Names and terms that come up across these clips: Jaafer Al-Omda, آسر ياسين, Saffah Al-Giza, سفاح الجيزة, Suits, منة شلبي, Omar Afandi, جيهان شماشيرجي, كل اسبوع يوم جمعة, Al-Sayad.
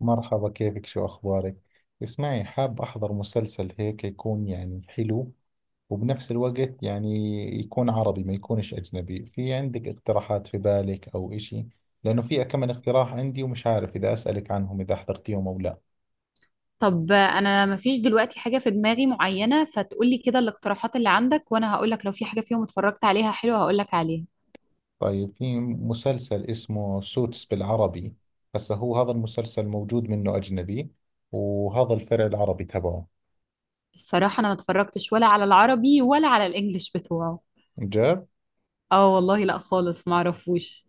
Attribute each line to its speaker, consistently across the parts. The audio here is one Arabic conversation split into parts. Speaker 1: مرحبا، كيفك؟ شو أخبارك؟ اسمعي، حاب أحضر مسلسل هيك يكون يعني حلو وبنفس الوقت يعني يكون عربي، ما يكونش أجنبي. في عندك اقتراحات في بالك أو إشي؟ لأنه في كم من اقتراح عندي ومش عارف إذا أسألك عنهم إذا حضرتيهم أو لا.
Speaker 2: طب انا مفيش دلوقتي حاجة في دماغي معينة، فتقولي كده الاقتراحات اللي عندك وانا هقولك لو في حاجة فيهم اتفرجت عليها حلوة هقولك عليها.
Speaker 1: طيب، في مسلسل اسمه سوتس بالعربي. هسا هو هذا المسلسل موجود منه أجنبي وهذا الفرع العربي تبعه.
Speaker 2: الصراحة انا ما اتفرجتش ولا على العربي ولا على الانجليش بتوعه.
Speaker 1: جاب.
Speaker 2: اه والله لا خالص معرفوش.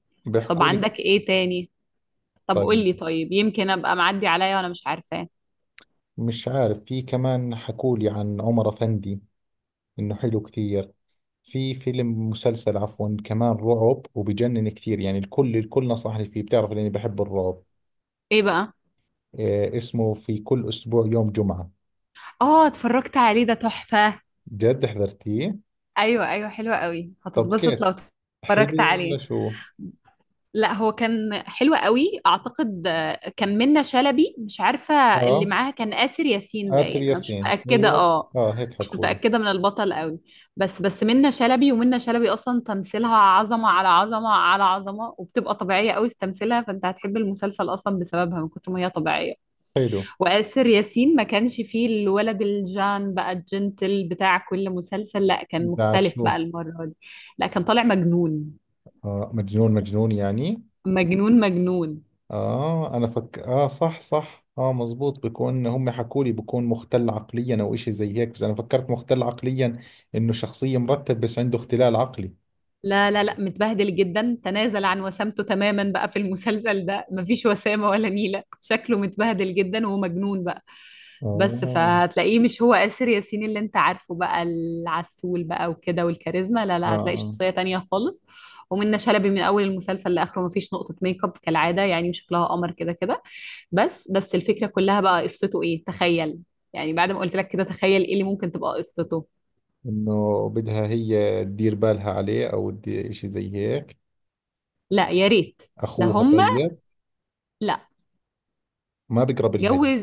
Speaker 2: طب
Speaker 1: بيحكوا لي.
Speaker 2: عندك ايه تاني؟ طب
Speaker 1: طيب،
Speaker 2: قولي، طيب يمكن ابقى معدي عليا وانا مش عارفاه.
Speaker 1: مش عارف، في كمان حكوا لي عن عمر أفندي، انه حلو كثير. في فيلم، مسلسل عفوا، كمان رعب وبجنن كثير، يعني الكل الكل نصحني فيه، بتعرف لاني بحب الرعب.
Speaker 2: ايه بقى؟
Speaker 1: إيه اسمه؟ في كل اسبوع يوم جمعة.
Speaker 2: اه اتفرجت عليه، ده تحفة.
Speaker 1: جد حضرتيه؟
Speaker 2: ايوه ايوه، حلو قوي،
Speaker 1: طب
Speaker 2: هتتبسط
Speaker 1: كيف؟
Speaker 2: لو اتفرجت
Speaker 1: حلو ولا
Speaker 2: عليه.
Speaker 1: شو؟
Speaker 2: لا هو كان حلو قوي، اعتقد آه، كان منة شلبي، مش عارفه اللي
Speaker 1: اه،
Speaker 2: معاها، كان آسر ياسين
Speaker 1: آسر
Speaker 2: باين، انا مش
Speaker 1: ياسين،
Speaker 2: متاكده.
Speaker 1: ايوه.
Speaker 2: اه
Speaker 1: اه هيك
Speaker 2: مش
Speaker 1: حكولي.
Speaker 2: متاكده من البطل قوي. بس منة شلبي، ومنة شلبي اصلا تمثيلها عظمه على عظمه على عظمه، وبتبقى طبيعيه قوي في تمثيلها، فانت هتحب المسلسل اصلا بسببها من كتر ما هي طبيعيه.
Speaker 1: حلو.
Speaker 2: وآسر ياسين ما كانش فيه الولد الجان بقى، الجنتل بتاع كل مسلسل، لا كان
Speaker 1: بعد
Speaker 2: مختلف بقى
Speaker 1: شو؟
Speaker 2: المره دي. لا كان طالع مجنون.
Speaker 1: آه، مجنون مجنون يعني.
Speaker 2: مجنون مجنون.
Speaker 1: اه انا فك اه صح، صح، اه، مزبوط، بكون هم حكوا لي بكون مختل عقليا او اشي زي هيك، بس انا فكرت مختل عقليا، انه شخصية مرتب بس عنده اختلال عقلي.
Speaker 2: لا لا لا، متبهدل جدا، تنازل عن وسامته تماما بقى في المسلسل ده، مفيش وسامة ولا نيلة، شكله متبهدل جدا ومجنون بقى. بس
Speaker 1: آه.
Speaker 2: فهتلاقيه مش هو آسر ياسين اللي انت عارفه بقى، العسول بقى وكده والكاريزما، لا
Speaker 1: اه،
Speaker 2: لا، هتلاقي
Speaker 1: اه،
Speaker 2: شخصية تانية خالص. ومنة شلبي من أول المسلسل لآخره مفيش نقطة ميك اب كالعادة، يعني شكلها قمر كده كده. بس الفكرة كلها بقى قصته ايه، تخيل. يعني بعد ما قلت لك كده تخيل ايه اللي ممكن تبقى قصته.
Speaker 1: انه بدها هي تدير بالها عليه او اشي زي هيك.
Speaker 2: لا يا ريت. ده
Speaker 1: اخوها؟
Speaker 2: هما.
Speaker 1: طيب،
Speaker 2: لا.
Speaker 1: ما بقرب لها
Speaker 2: جو.
Speaker 1: يعني.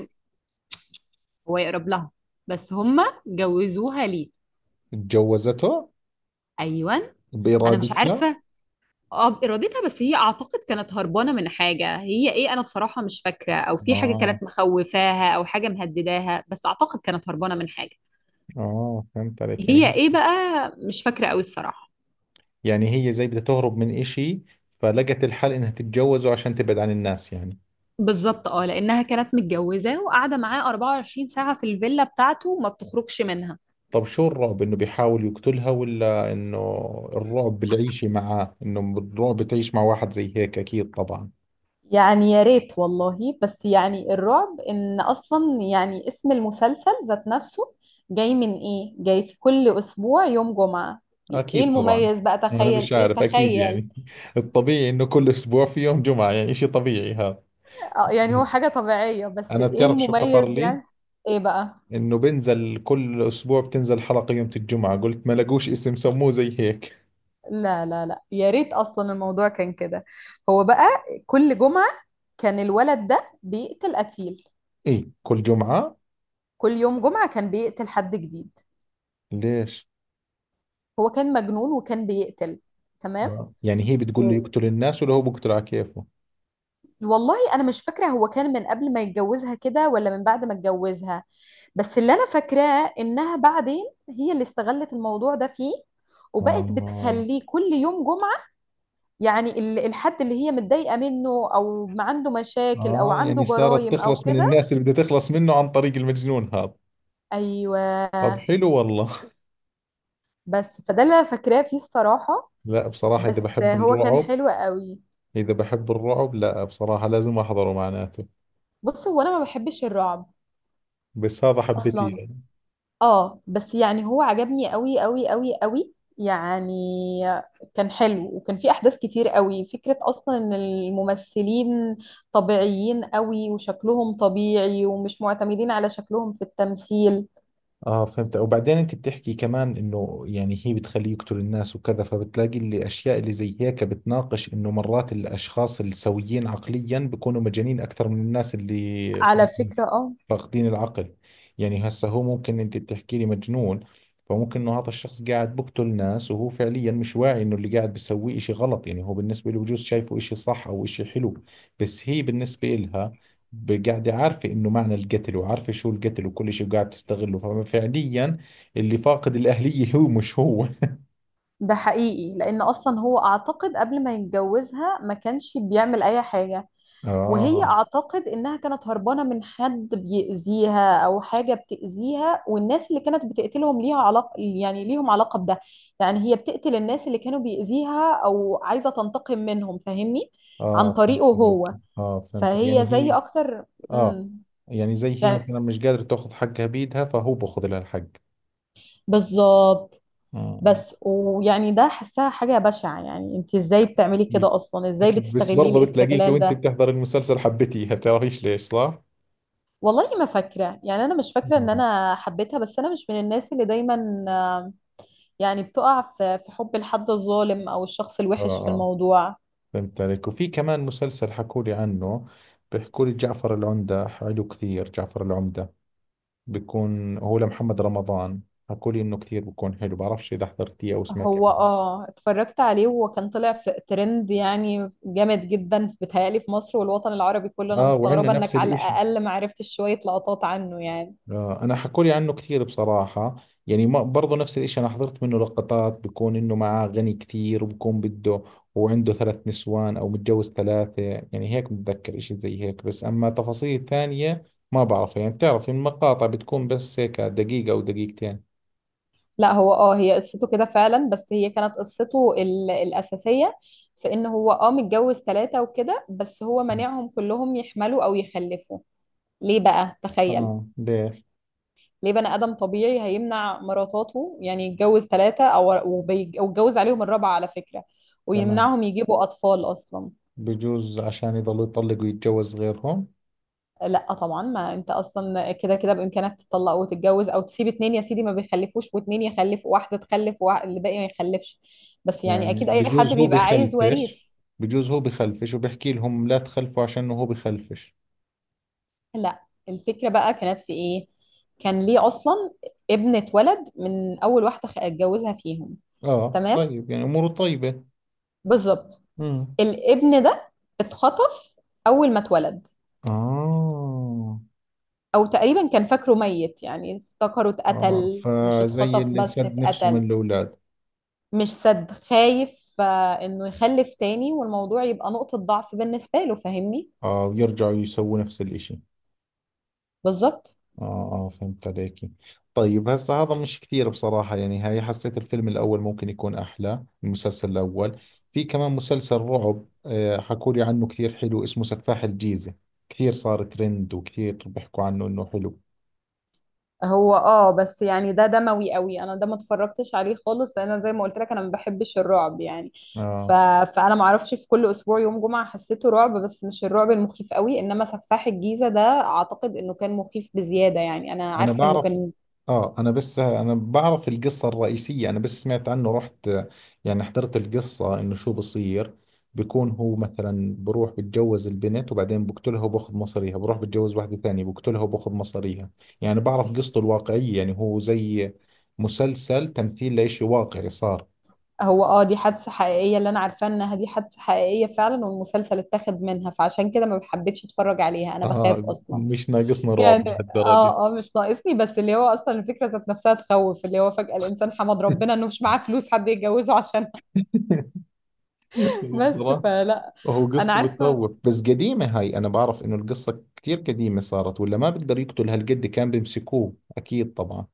Speaker 2: هو يقرب لها. بس هما جوزوها ليه؟
Speaker 1: اتجوزته؟
Speaker 2: ايوه. انا مش
Speaker 1: بارادتها؟
Speaker 2: عارفه. اه بارادتها، بس هي اعتقد كانت هربانه من حاجه، هي ايه انا بصراحه مش فاكره، او في حاجه
Speaker 1: اه،
Speaker 2: كانت مخوفاها او حاجه مهدداها، بس اعتقد كانت هربانه من حاجه.
Speaker 1: اه، فهمت عليك، يعني
Speaker 2: هي ايه
Speaker 1: هي،
Speaker 2: بقى؟ مش فاكره قوي الصراحه.
Speaker 1: يعني هي زي بدها تهرب من اشي فلقت الحل انها تتجوزه عشان تبعد عن الناس يعني.
Speaker 2: بالظبط اه، لانها كانت متجوزه وقاعده معاه 24 ساعه في الفيلا بتاعته وما بتخرجش منها.
Speaker 1: طب شو الرعب؟ انه بيحاول يقتلها ولا انه، الرعب بالعيشة معاه، انه الرعب تعيش مع واحد زي هيك، اكيد طبعا.
Speaker 2: يعني يا ريت والله، بس يعني الرعب ان اصلا يعني اسم المسلسل ذات نفسه جاي من ايه، جاي في كل اسبوع يوم جمعة. ايه
Speaker 1: اكيد طبعا.
Speaker 2: المميز بقى،
Speaker 1: انا
Speaker 2: تخيل
Speaker 1: مش
Speaker 2: ايه،
Speaker 1: عارف، اكيد
Speaker 2: تخيل.
Speaker 1: يعني الطبيعي انه كل اسبوع في يوم جمعة، يعني اشي طبيعي هذا.
Speaker 2: آه يعني هو
Speaker 1: بس
Speaker 2: حاجة طبيعية بس
Speaker 1: انا
Speaker 2: ايه
Speaker 1: بتعرف شو خطر
Speaker 2: المميز
Speaker 1: لي؟
Speaker 2: يعني. ايه بقى؟
Speaker 1: انه بنزل كل اسبوع، بتنزل حلقة يوم الجمعة، قلت ما لقوش اسم سموه زي هيك.
Speaker 2: لا لا لا يا ريت، اصلا الموضوع كان كده. هو بقى كل جمعة كان الولد ده بيقتل قتيل.
Speaker 1: ايه، كل جمعة؟
Speaker 2: كل يوم جمعة كان بيقتل حد جديد.
Speaker 1: ليش؟
Speaker 2: هو كان مجنون وكان بيقتل. تمام.
Speaker 1: آه. يعني هي بتقول له
Speaker 2: و-
Speaker 1: يقتل الناس ولا هو بيقتل على كيفه؟
Speaker 2: والله انا مش فاكره هو كان من قبل ما يتجوزها كده ولا من بعد ما اتجوزها. بس اللي انا فاكراه انها بعدين هي اللي استغلت الموضوع ده فيه، وبقت
Speaker 1: آه.
Speaker 2: بتخليه كل يوم جمعه. يعني الحد اللي هي متضايقه منه، او ما عنده مشاكل او
Speaker 1: اه،
Speaker 2: عنده
Speaker 1: يعني صارت
Speaker 2: جرايم او
Speaker 1: تخلص من
Speaker 2: كده.
Speaker 1: الناس اللي بدها تخلص منه عن طريق المجنون هذا. طب
Speaker 2: ايوه.
Speaker 1: حلو والله.
Speaker 2: بس فده اللي انا فاكراه فيه الصراحه.
Speaker 1: لا بصراحة، إذا
Speaker 2: بس
Speaker 1: بحب
Speaker 2: هو كان
Speaker 1: الرعب،
Speaker 2: حلو قوي.
Speaker 1: إذا بحب الرعب لا بصراحة لازم أحضره معناته.
Speaker 2: بص هو انا ما بحبش الرعب
Speaker 1: بس هذا حبيتيه
Speaker 2: اصلا.
Speaker 1: يعني.
Speaker 2: اه بس يعني هو عجبني قوي قوي قوي قوي يعني. كان حلو وكان فيه احداث كتير قوي، فكرة اصلا ان الممثلين طبيعيين قوي وشكلهم طبيعي ومش معتمدين على شكلهم في التمثيل.
Speaker 1: اه فهمت. وبعدين انت بتحكي كمان انه يعني هي بتخليه يقتل الناس وكذا، فبتلاقي اللي اشياء اللي زي هيك بتناقش انه مرات الاشخاص السويين عقليا بيكونوا مجانين اكثر من الناس اللي
Speaker 2: على
Speaker 1: فاهمين.
Speaker 2: فكرة اه.
Speaker 1: فاقدين العقل. يعني هسه هو ممكن انت بتحكي لي مجنون، فممكن انه هذا الشخص قاعد بقتل ناس وهو فعليا مش واعي انه اللي قاعد بيسويه اشي غلط، يعني هو بالنسبة له بجوز شايفه اشي صح او اشي حلو. بس هي بالنسبة لها، قاعدة عارفة انه معنى القتل وعارفة شو القتل وكل اشي وقاعد تستغله، ففعليا اللي فاقد الاهلية هو، مش هو.
Speaker 2: ده حقيقي لان اصلا هو اعتقد قبل ما يتجوزها ما كانش بيعمل اي حاجة. وهي
Speaker 1: اه،
Speaker 2: اعتقد انها كانت هربانه من حد بيأذيها او حاجه بتأذيها، والناس اللي كانت بتقتلهم ليها علاقه، يعني ليهم علاقه بده. يعني هي بتقتل الناس اللي كانوا بيأذيها او عايزه تنتقم منهم، فاهمني، عن
Speaker 1: اه فهمت
Speaker 2: طريقه
Speaker 1: عليك.
Speaker 2: هو.
Speaker 1: اه فهمت، يعني
Speaker 2: فهي زي
Speaker 1: هي،
Speaker 2: اكتر.
Speaker 1: اه،
Speaker 2: امم.
Speaker 1: يعني زي هي
Speaker 2: يعني.
Speaker 1: مثلا مش قادرة تاخذ حقها بيدها فهو باخذ لها الحق.
Speaker 2: بالظبط.
Speaker 1: آه.
Speaker 2: بس ويعني ده حسها حاجه بشعه، يعني انت ازاي بتعملي
Speaker 1: أكيد،
Speaker 2: كده اصلا، ازاي
Speaker 1: أكيد، بس
Speaker 2: بتستغليه
Speaker 1: برضه بتلاقيك
Speaker 2: الاستغلال
Speaker 1: وأنت
Speaker 2: ده.
Speaker 1: بتحضر المسلسل حبيتيها، بتعرفيش ليش، صح؟
Speaker 2: والله ما فاكره، يعني انا مش فاكره ان
Speaker 1: نعم.
Speaker 2: انا حبيتها، بس انا مش من الناس اللي دايما يعني بتقع في حب الحد الظالم او الشخص
Speaker 1: آه،
Speaker 2: الوحش في
Speaker 1: آه،
Speaker 2: الموضوع.
Speaker 1: فهمت عليك. وفي كمان مسلسل حكوا لي عنه، بيحكوا لي جعفر العمدة، حلو كثير جعفر العمدة، بيكون هو لمحمد رمضان. حكوا لي إنه كثير بيكون حلو، بعرفش إذا حضرتيه أو سمعتي
Speaker 2: هو
Speaker 1: عنه.
Speaker 2: اه اتفرجت عليه، وهو كان طلع في ترند يعني جامد جدا بيتهيألي في مصر والوطن العربي كله، انا
Speaker 1: آه، وعندنا
Speaker 2: مستغربة
Speaker 1: نفس
Speaker 2: انك على
Speaker 1: الإشي.
Speaker 2: الاقل ما عرفتش شوية لقطات عنه يعني.
Speaker 1: آه، انا حكولي عنه كثير بصراحة، يعني ما برضه نفس الاشي. انا حضرت منه لقطات بكون انه معاه غني كثير وبكون بده، وعنده 3 نسوان او متجوز 3، يعني هيك بتذكر اشي زي هيك، بس اما تفاصيل ثانية ما بعرف، يعني بتعرف المقاطع بتكون بس هيك 1 دقيقة او 2 دقيقة.
Speaker 2: لا هو اه هي قصته كده فعلا، بس هي كانت قصته الأساسية في ان هو اه متجوز ثلاثة وكده، بس هو مانعهم كلهم يحملوا او يخلفوا. ليه بقى، تخيل.
Speaker 1: اه، ليش؟
Speaker 2: ليه بني آدم طبيعي هيمنع مراتاته، يعني يتجوز ثلاثة أو ويتجوز عليهم الرابعة على فكرة،
Speaker 1: تمام.
Speaker 2: ويمنعهم يجيبوا أطفال أصلا.
Speaker 1: بجوز عشان يضلوا يطلقوا ويتجوز غيرهم.
Speaker 2: لا طبعا، ما انت اصلا كده كده بامكانك تطلق وتتجوز، او تسيب اتنين يا سيدي ما بيخلفوش واتنين يخلف، واحده تخلف والباقي ما يخلفش. بس يعني
Speaker 1: يعني
Speaker 2: اكيد اي حد
Speaker 1: بجوز هو
Speaker 2: بيبقى عايز
Speaker 1: بخلفش،
Speaker 2: وريث.
Speaker 1: بجوز هو بخلفش وبحكي لهم لا تخلفوا عشان هو بخلفش.
Speaker 2: لا. الفكره بقى كانت في ايه، كان ليه اصلا ابنه ولد من اول واحده اتجوزها فيهم.
Speaker 1: اه،
Speaker 2: تمام.
Speaker 1: طيب، يعني اموره طيبة.
Speaker 2: بالظبط.
Speaker 1: امم.
Speaker 2: الابن ده اتخطف اول ما اتولد.
Speaker 1: اه،
Speaker 2: او تقريبا كان فاكره ميت، يعني افتكره
Speaker 1: اه،
Speaker 2: اتقتل، مش
Speaker 1: فزي
Speaker 2: اتخطف
Speaker 1: اللي
Speaker 2: بس
Speaker 1: سد نفسه من
Speaker 2: اتقتل.
Speaker 1: الاولاد.
Speaker 2: مش سد، خايف آه، انه يخلف تاني والموضوع يبقى نقطة ضعف بالنسبة له، فاهمني.
Speaker 1: اه، ويرجعوا يسووا نفس الاشي.
Speaker 2: بالظبط.
Speaker 1: اه، اه فهمت عليك. طيب هسا هذا مش كثير بصراحة، يعني هاي حسيت الفيلم الاول ممكن يكون احلى، المسلسل الاول. في كمان مسلسل رعب آه حكوا لي عنه كثير حلو، اسمه سفاح الجيزة، كثير صار ترند وكثير بيحكوا عنه انه حلو.
Speaker 2: هو اه بس يعني ده دموي قوي، انا ده ما اتفرجتش عليه خالص، لان أنا زي ما قلت لك انا ما بحبش الرعب يعني. ف...
Speaker 1: اه
Speaker 2: فانا ما اعرفش، في كل اسبوع يوم جمعة حسيته رعب بس مش الرعب المخيف قوي، انما سفاح الجيزة ده اعتقد انه كان مخيف بزيادة يعني. انا
Speaker 1: انا
Speaker 2: عارفة انه
Speaker 1: بعرف،
Speaker 2: كان.
Speaker 1: اه انا بس، انا بعرف القصة الرئيسية، انا بس سمعت عنه رحت، يعني حضرت القصة انه شو بصير. بيكون هو مثلا بروح بتجوز البنت وبعدين بقتلها وباخذ مصاريها، بروح بتجوز واحدة ثانية بقتلها وباخذ مصاريها. يعني بعرف قصته الواقعية، يعني هو زي مسلسل تمثيل لإشي واقعي صار.
Speaker 2: هو اه دي حادثة حقيقية، اللي انا عارفة انها دي حادثة حقيقية فعلا والمسلسل اتاخد منها، فعشان كده ما بحبتش اتفرج عليها، انا بخاف
Speaker 1: اه،
Speaker 2: اصلا
Speaker 1: مش ناقصنا
Speaker 2: يعني.
Speaker 1: رعب لهالدرجة.
Speaker 2: اه اه مش ناقصني، بس اللي هو اصلا الفكره ذات نفسها تخوف، اللي هو فجاه الانسان حمد ربنا انه مش معاه فلوس حد يتجوزه عشانها. بس.
Speaker 1: بصراحة،
Speaker 2: فلا.
Speaker 1: هو
Speaker 2: انا
Speaker 1: قصته
Speaker 2: عارفه.
Speaker 1: بتخوف بس قديمة هاي، أنا بعرف إنه القصة كتير قديمة صارت، ولا ما بقدر يقتل هالقد، كان بيمسكوه أكيد طبعا.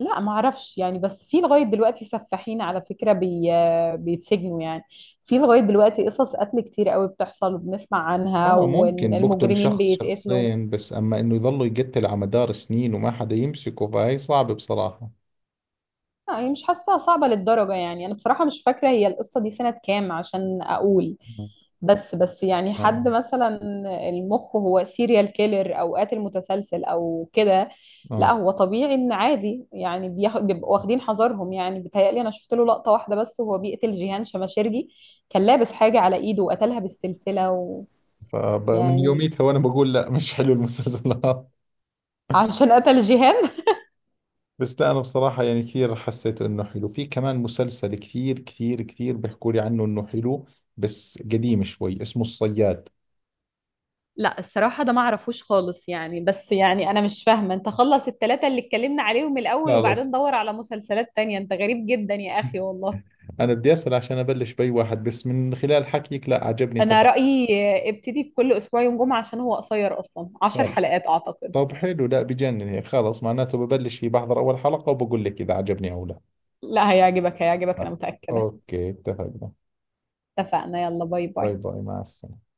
Speaker 2: لا ما اعرفش يعني، بس في لغايه دلوقتي سفاحين على فكره، بيتسجنوا يعني. في لغايه دلوقتي قصص قتل كتير قوي بتحصل وبنسمع عنها
Speaker 1: آه، ممكن بقتل
Speaker 2: والمجرمين
Speaker 1: شخص
Speaker 2: بيتقتلوا.
Speaker 1: شخصين بس، أما إنه يظلوا يقتل على مدار سنين وما حدا يمسكه فهي صعبة بصراحة.
Speaker 2: لا هي مش حاسة صعبة للدرجة، يعني أنا بصراحة مش فاكرة هي القصة دي سنة كام عشان أقول. بس يعني
Speaker 1: آه،
Speaker 2: حد مثلا، المخ هو سيريال كيلر أو قاتل متسلسل أو كده. لا
Speaker 1: آه،
Speaker 2: هو طبيعي إن عادي يعني، بيبقوا واخدين حذرهم، يعني بيتهيألي أنا شفت له لقطة واحدة بس وهو بيقتل جيهان شماشيرجي. كان لابس حاجة على إيده وقتلها بالسلسلة.
Speaker 1: فمن
Speaker 2: ويعني
Speaker 1: يوميتها وأنا بقول لا مش حلو المسلسلات.
Speaker 2: عشان قتل جيهان.
Speaker 1: بس لا أنا بصراحة يعني كثير حسيت إنه حلو. في كمان مسلسل كثير بيحكوا لي عنه إنه حلو، بس قديم شوي، اسمه الصياد.
Speaker 2: لا الصراحة ده ما اعرفوش خالص يعني، بس يعني انا مش فاهمة انت خلص التلاتة اللي اتكلمنا عليهم الاول وبعدين
Speaker 1: خلاص،
Speaker 2: دور على مسلسلات تانية، انت غريب جدا يا اخي والله.
Speaker 1: انا بدي اسال عشان ابلش باي واحد، بس من خلال حكيك لا عجبني
Speaker 2: انا
Speaker 1: تبع
Speaker 2: رأيي ابتدي بكل اسبوع يوم جمعة عشان هو قصير اصلا، عشر
Speaker 1: خالد.
Speaker 2: حلقات اعتقد.
Speaker 1: طب حلو، لا بجنن هيك، خلص معناته ببلش فيه، بحضر اول حلقة وبقول لك اذا عجبني او لا.
Speaker 2: لا هيعجبك هيعجبك، انا
Speaker 1: آه.
Speaker 2: متأكدة.
Speaker 1: اوكي، اتفقنا.
Speaker 2: اتفقنا، يلا باي
Speaker 1: باي
Speaker 2: باي.
Speaker 1: باي، مع السلامة.